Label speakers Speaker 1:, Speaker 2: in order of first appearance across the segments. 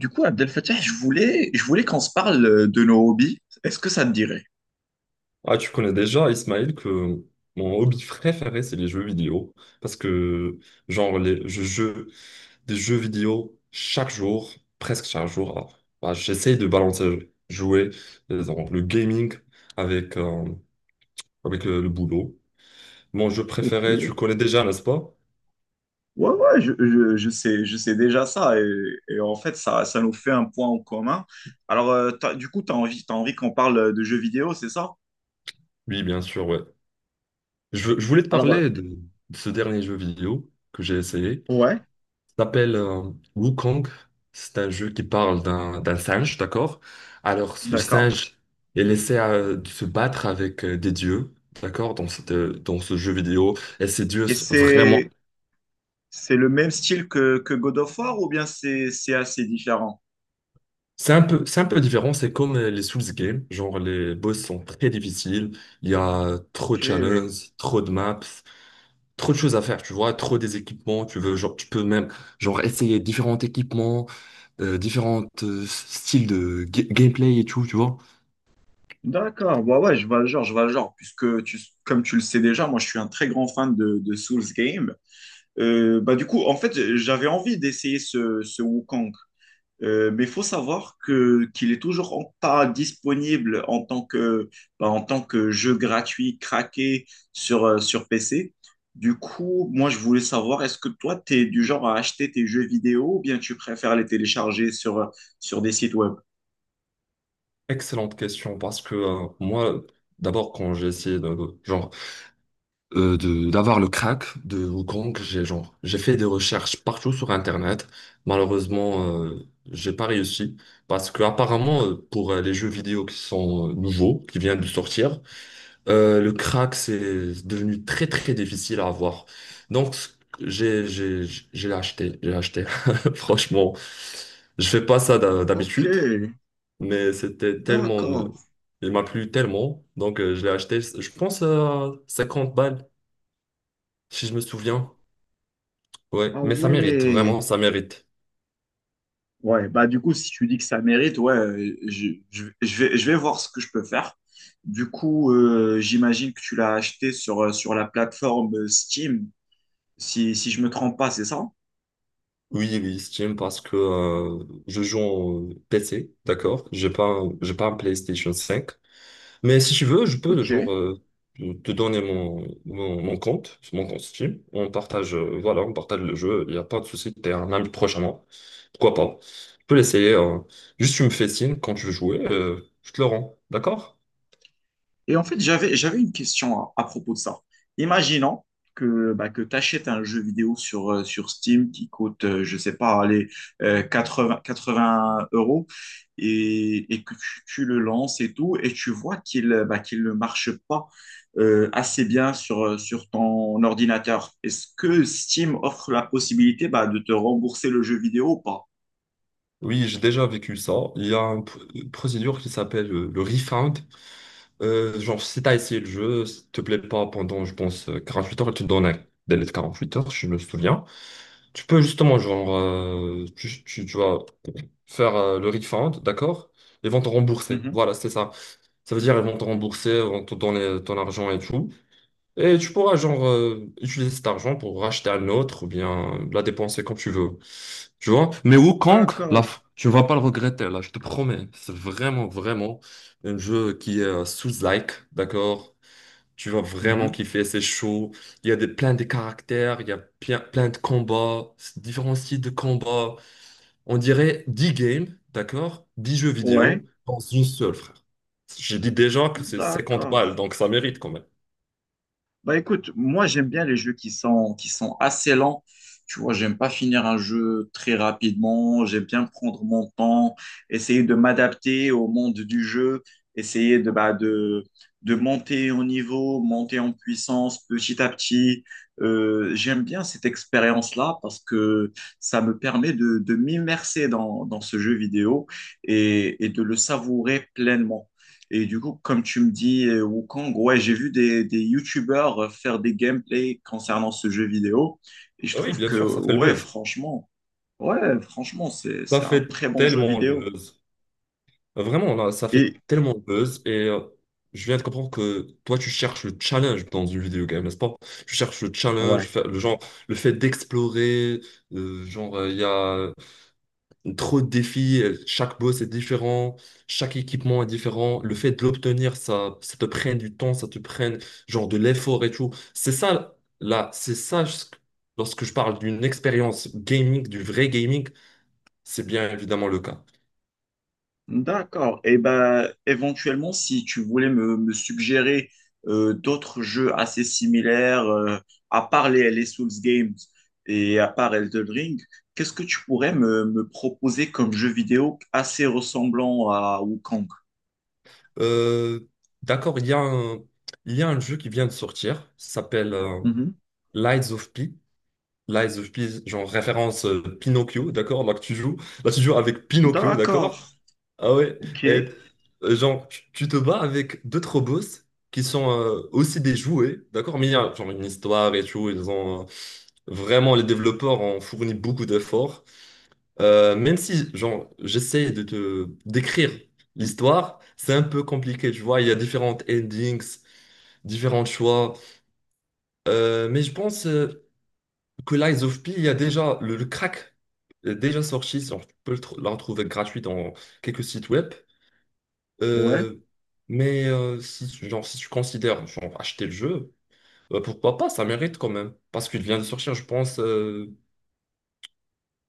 Speaker 1: Du coup, Abdel Fattah, je voulais qu'on se parle de nos hobbies. Est-ce que ça te dirait?
Speaker 2: Ah, tu connais déjà, Ismaël, que mon hobby préféré, c'est les jeux vidéo. Parce que, genre, je joue des jeux vidéo chaque jour, presque chaque jour. Ah, bah, j'essaye de balancer, jouer, genre, le gaming avec, euh, avec le boulot. Mon jeu préféré,
Speaker 1: Ok.
Speaker 2: tu connais déjà, n'est-ce pas?
Speaker 1: Ouais, ouais, je sais déjà ça. Et en fait, ça nous fait un point en commun. Alors, du coup, t'as envie qu'on parle de jeux vidéo, c'est ça?
Speaker 2: Oui, bien sûr, ouais. Je voulais te
Speaker 1: Alors,
Speaker 2: parler de ce dernier jeu vidéo que j'ai essayé.
Speaker 1: ouais.
Speaker 2: Ça s'appelle Wukong. C'est un jeu qui parle d'un singe, d'accord? Alors, ce
Speaker 1: D'accord.
Speaker 2: singe est laissé de se battre avec des dieux, d'accord? Dans ce jeu vidéo. Et ces dieux,
Speaker 1: Et
Speaker 2: vraiment.
Speaker 1: c'est le même style que God of War ou bien c'est assez différent?
Speaker 2: C'est un peu différent. C'est comme les Souls Games. Genre, les boss sont très difficiles. Il y a trop de
Speaker 1: Ok.
Speaker 2: challenges, trop de maps, trop de choses à faire, tu vois? Trop des équipements. Tu veux, genre, tu peux même, genre, essayer différents équipements, différents styles de gameplay et tout, tu vois?
Speaker 1: D'accord, ouais, ouais, je vois le genre, je vois le genre, puisque comme tu le sais déjà, moi je suis un très grand fan de Souls Game. Bah du coup, en fait, j'avais envie d'essayer ce Wukong. Mais il faut savoir que qu'il est toujours pas disponible en tant que, bah, en tant que jeu gratuit craqué sur, sur PC. Du coup, moi, je voulais savoir, est-ce que toi, tu es du genre à acheter tes jeux vidéo ou bien tu préfères les télécharger sur, sur des sites web?
Speaker 2: Excellente question parce que moi, d'abord, quand j'ai essayé de d'avoir le crack de Wukong, j'ai genre j'ai fait des recherches partout sur Internet. Malheureusement, j'ai pas réussi parce que apparemment, pour les jeux vidéo qui sont nouveaux, qui viennent de sortir, le crack c'est devenu très très difficile à avoir. Donc j'ai j'ai j'ai acheté. Franchement, je fais pas ça
Speaker 1: Ok,
Speaker 2: d'habitude mais c'était tellement.
Speaker 1: d'accord.
Speaker 2: Il m'a plu tellement, donc je l'ai acheté, je pense à 50 balles, si je me souviens. Ouais,
Speaker 1: Ah
Speaker 2: mais ça mérite,
Speaker 1: ouais.
Speaker 2: vraiment, ça mérite.
Speaker 1: Ouais, bah du coup, si tu dis que ça mérite, ouais, je vais voir ce que je peux faire. Du coup, j'imagine que tu l'as acheté sur, sur la plateforme Steam, si, si je me trompe pas, c'est ça?
Speaker 2: Oui, oui, Steam, parce que je joue en PC, d'accord? J'ai pas un PlayStation 5. Mais si tu veux, je peux
Speaker 1: Ok.
Speaker 2: genre te donner mon compte, mon compte Steam. On partage, voilà, on partage le jeu. Il n'y a pas de souci. T'es un ami prochainement. Pourquoi pas? Je peux l'essayer, hein. Juste tu me fais signe quand tu veux jouer. Je te le rends. D'accord?
Speaker 1: Et en fait, j'avais une question à propos de ça. Imaginons que, bah, que tu achètes un jeu vidéo sur, sur Steam qui coûte, je sais pas, allez, 80 € et que tu le lances et tout, et tu vois qu'il bah, qu'il ne marche pas assez bien sur, sur ton ordinateur. Est-ce que Steam offre la possibilité bah, de te rembourser le jeu vidéo ou pas?
Speaker 2: Oui, j'ai déjà vécu ça. Il y a une procédure qui s'appelle le refund. Genre, si t'as essayé le jeu, s'il te plaît pas pendant, je pense, 8 heures, il te donne un délai de 8 heures, si je me souviens. Tu peux justement, genre, tu vas faire le refund, d'accord? Ils vont te rembourser.
Speaker 1: Mhm.
Speaker 2: Voilà, c'est ça. Ça veut dire ils vont te rembourser, ils vont te donner ton argent et tout. Et tu pourras genre utiliser cet argent pour racheter un autre ou bien la dépenser comme tu veux. Tu vois? Mais Wukong, là,
Speaker 1: D'accord.
Speaker 2: tu ne vas pas le regretter, là, je te promets. C'est vraiment, vraiment un jeu qui est sous-like, d'accord? Tu vas vraiment
Speaker 1: Mhm.
Speaker 2: kiffer, c'est chaud. Il y a plein de caractères, il y a plein, plein de combats, différents styles de combats. On dirait 10 games, d'accord? dix jeux
Speaker 1: Ouais,
Speaker 2: vidéo dans une seule, frère. J'ai dit déjà que c'est 50
Speaker 1: d'accord.
Speaker 2: balles, donc ça mérite quand même.
Speaker 1: Bah écoute, moi j'aime bien les jeux qui sont assez lents. Tu vois, j'aime pas finir un jeu très rapidement. J'aime bien prendre mon temps, essayer de m'adapter au monde du jeu, essayer de monter en niveau, monter en puissance petit à petit. J'aime bien cette expérience-là parce que ça me permet de m'immerser dans ce jeu vidéo et de le savourer pleinement. Et du coup, comme tu me dis Wukong, ouais, j'ai vu des YouTubers faire des gameplays concernant ce jeu vidéo. Et je
Speaker 2: Ah, oui,
Speaker 1: trouve
Speaker 2: bien
Speaker 1: que,
Speaker 2: sûr, ça fait le buzz.
Speaker 1: ouais, franchement,
Speaker 2: Ça
Speaker 1: c'est un
Speaker 2: fait
Speaker 1: très bon jeu
Speaker 2: tellement le
Speaker 1: vidéo.
Speaker 2: buzz. Vraiment, là, ça fait
Speaker 1: Et,
Speaker 2: tellement le buzz. Et je viens de comprendre que toi, tu cherches le challenge dans une vidéo game, n'est-ce pas? Tu cherches le challenge,
Speaker 1: ouais,
Speaker 2: le genre, le fait d'explorer. Genre il y a trop de défis, chaque boss est différent, chaque équipement est différent. Le fait de l'obtenir, ça te prenne du temps, ça te prenne genre de l'effort et tout. C'est ça, là, c'est ça, lorsque je parle d'une expérience gaming, du vrai gaming, c'est bien évidemment le cas.
Speaker 1: d'accord. Et ben, éventuellement, si tu voulais me suggérer d'autres jeux assez similaires, à part les Souls Games et à part Elden Ring, qu'est-ce que tu pourrais me proposer comme jeu vidéo assez ressemblant à Wukong?
Speaker 2: Euh, d'accord, il y a un jeu qui vient de sortir, ça s'appelle Lies of P. Lies of P, genre référence Pinocchio, d'accord? Là, que tu joues, là, tu joues avec Pinocchio,
Speaker 1: D'accord,
Speaker 2: d'accord? Ah ouais,
Speaker 1: ok.
Speaker 2: et, genre, tu te bats avec d'autres boss qui sont aussi des jouets, d'accord? Mais il y a genre une histoire et tout, ils ont vraiment, les développeurs ont fourni beaucoup d'efforts. Même si, genre, j'essaie de te décrire l'histoire, c'est un peu compliqué, tu vois, il y a différentes endings, différents choix. Mais je pense que Lies of P, il y a déjà le crack est déjà sorti, genre, tu peux la retrouver gratuite dans quelques sites web.
Speaker 1: Ouais.
Speaker 2: Euh, mais si, genre, si tu considères genre, acheter le jeu, pourquoi pas, ça mérite quand même. Parce qu'il vient de sortir, je pense,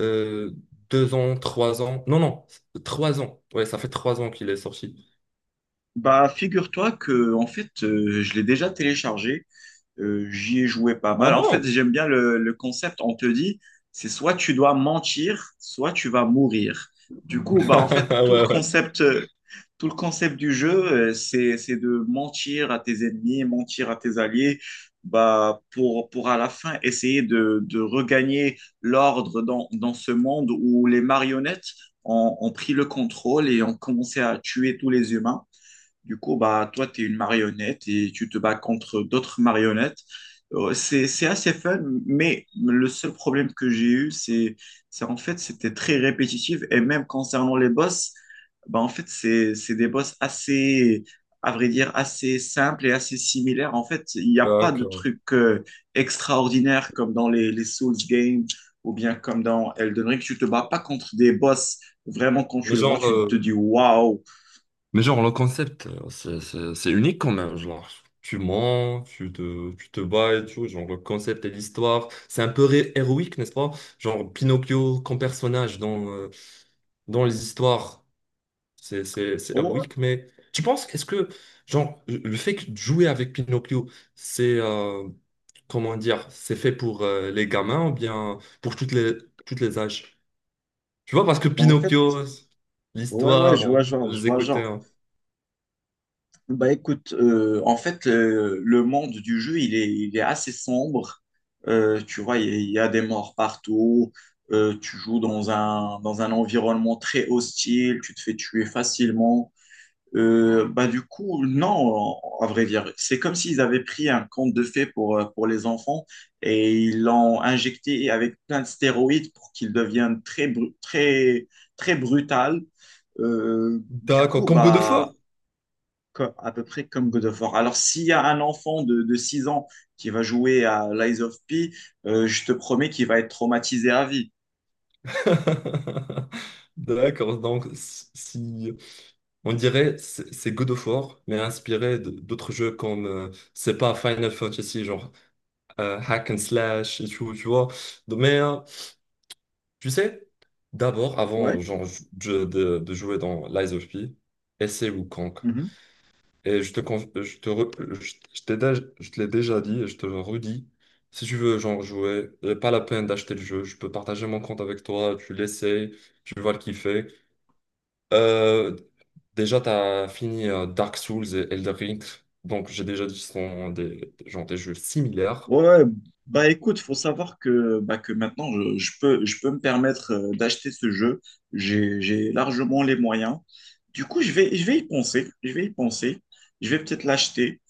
Speaker 2: euh, 2 ans, 3 ans. Non, non, 3 ans. Ouais, ça fait 3 ans qu'il est sorti.
Speaker 1: Bah, figure-toi que, en fait, je l'ai déjà téléchargé. J'y ai joué pas
Speaker 2: Ah
Speaker 1: mal. En fait,
Speaker 2: bon?
Speaker 1: j'aime bien le concept. On te dit, c'est soit tu dois mentir, soit tu vas mourir. Du coup, bah, en fait,
Speaker 2: Ah ouais, ouais.
Speaker 1: tout le concept du jeu, c'est de mentir à tes ennemis, mentir à tes alliés, bah, pour à la fin essayer de regagner l'ordre dans ce monde où les marionnettes ont pris le contrôle et ont commencé à tuer tous les humains. Du coup, bah, toi, tu es une marionnette et tu te bats contre d'autres marionnettes. C'est assez fun, mais le seul problème que j'ai eu, c'est en fait, c'était très répétitif. Et même concernant les boss, bah, en fait, c'est des boss assez, à vrai dire, assez simples et assez similaires. En fait, il n'y a pas de
Speaker 2: D'accord.
Speaker 1: trucs extraordinaires comme dans les Souls games ou bien comme dans Elden Ring. Tu te bats pas contre des boss. Vraiment, quand
Speaker 2: Mais
Speaker 1: tu le vois,
Speaker 2: genre,
Speaker 1: tu te
Speaker 2: euh,
Speaker 1: dis waouh.
Speaker 2: mais genre, le concept, c'est unique quand même. Genre, tu mens, tu te bats et tout. Genre, le concept et l'histoire, c'est un peu héroïque, n'est-ce pas? Genre, Pinocchio comme personnage dans les histoires. C'est
Speaker 1: Oh,
Speaker 2: héroïque, mais tu penses, est-ce que, genre, le fait que de jouer avec Pinocchio, c'est, comment dire, c'est fait pour les gamins ou bien pour toutes les âges? Tu vois, parce que
Speaker 1: en fait,
Speaker 2: Pinocchio,
Speaker 1: ouais, ouais,
Speaker 2: l'histoire,
Speaker 1: je vois
Speaker 2: hein, je
Speaker 1: genre, je
Speaker 2: les
Speaker 1: vois
Speaker 2: écoutais.
Speaker 1: genre.
Speaker 2: hein.
Speaker 1: Bah écoute, en fait, le monde du jeu, il est assez sombre. Tu vois, il y a des morts partout. Tu joues dans un environnement très hostile. Tu te fais tuer facilement. Bah du coup, non, à vrai dire. C'est comme s'ils avaient pris un conte de fées pour les enfants et ils l'ont injecté avec plein de stéroïdes pour qu'ils deviennent très, très, très brutal. Du
Speaker 2: D'accord,
Speaker 1: coup,
Speaker 2: comme God of War.
Speaker 1: bah à peu près comme God of War. Alors, s'il y a un enfant de 6 ans qui va jouer à Lies of P, je te promets qu'il va être traumatisé à vie.
Speaker 2: D'accord, donc on dirait c'est God of War, mais inspiré d'autres jeux comme c'est pas Final Fantasy, genre hack and slash et tout, tu vois. Tu sais, d'abord,
Speaker 1: Ouais.
Speaker 2: avant genre, de jouer dans Lies of P, essaie Wukong.
Speaker 1: Mhm.
Speaker 2: Et je te, con- je te, re- je te l'ai déjà dit et je te le redis. Si tu veux genre, jouer, y a pas la peine d'acheter le jeu. Je peux partager mon compte avec toi, tu l'essayes, tu vas le kiffer. Euh, déjà, tu as fini Dark Souls et Elden Ring. Donc, j'ai déjà dit que ce sont des jeux similaires.
Speaker 1: Ouais, ouais. Bah écoute, faut savoir que, bah, que maintenant je peux me permettre d'acheter ce jeu. J'ai largement les moyens. Du coup, je vais y penser. Je vais y penser. Je vais peut-être l'acheter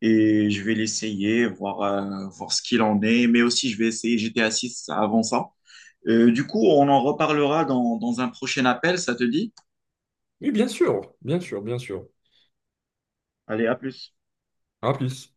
Speaker 1: et je vais l'essayer, voir, voir ce qu'il en est, mais aussi je vais essayer GTA 6 avant ça. Du coup, on en reparlera dans un prochain appel, ça te dit?
Speaker 2: Oui, bien sûr, bien sûr, bien sûr.
Speaker 1: Allez, à plus.
Speaker 2: À plus.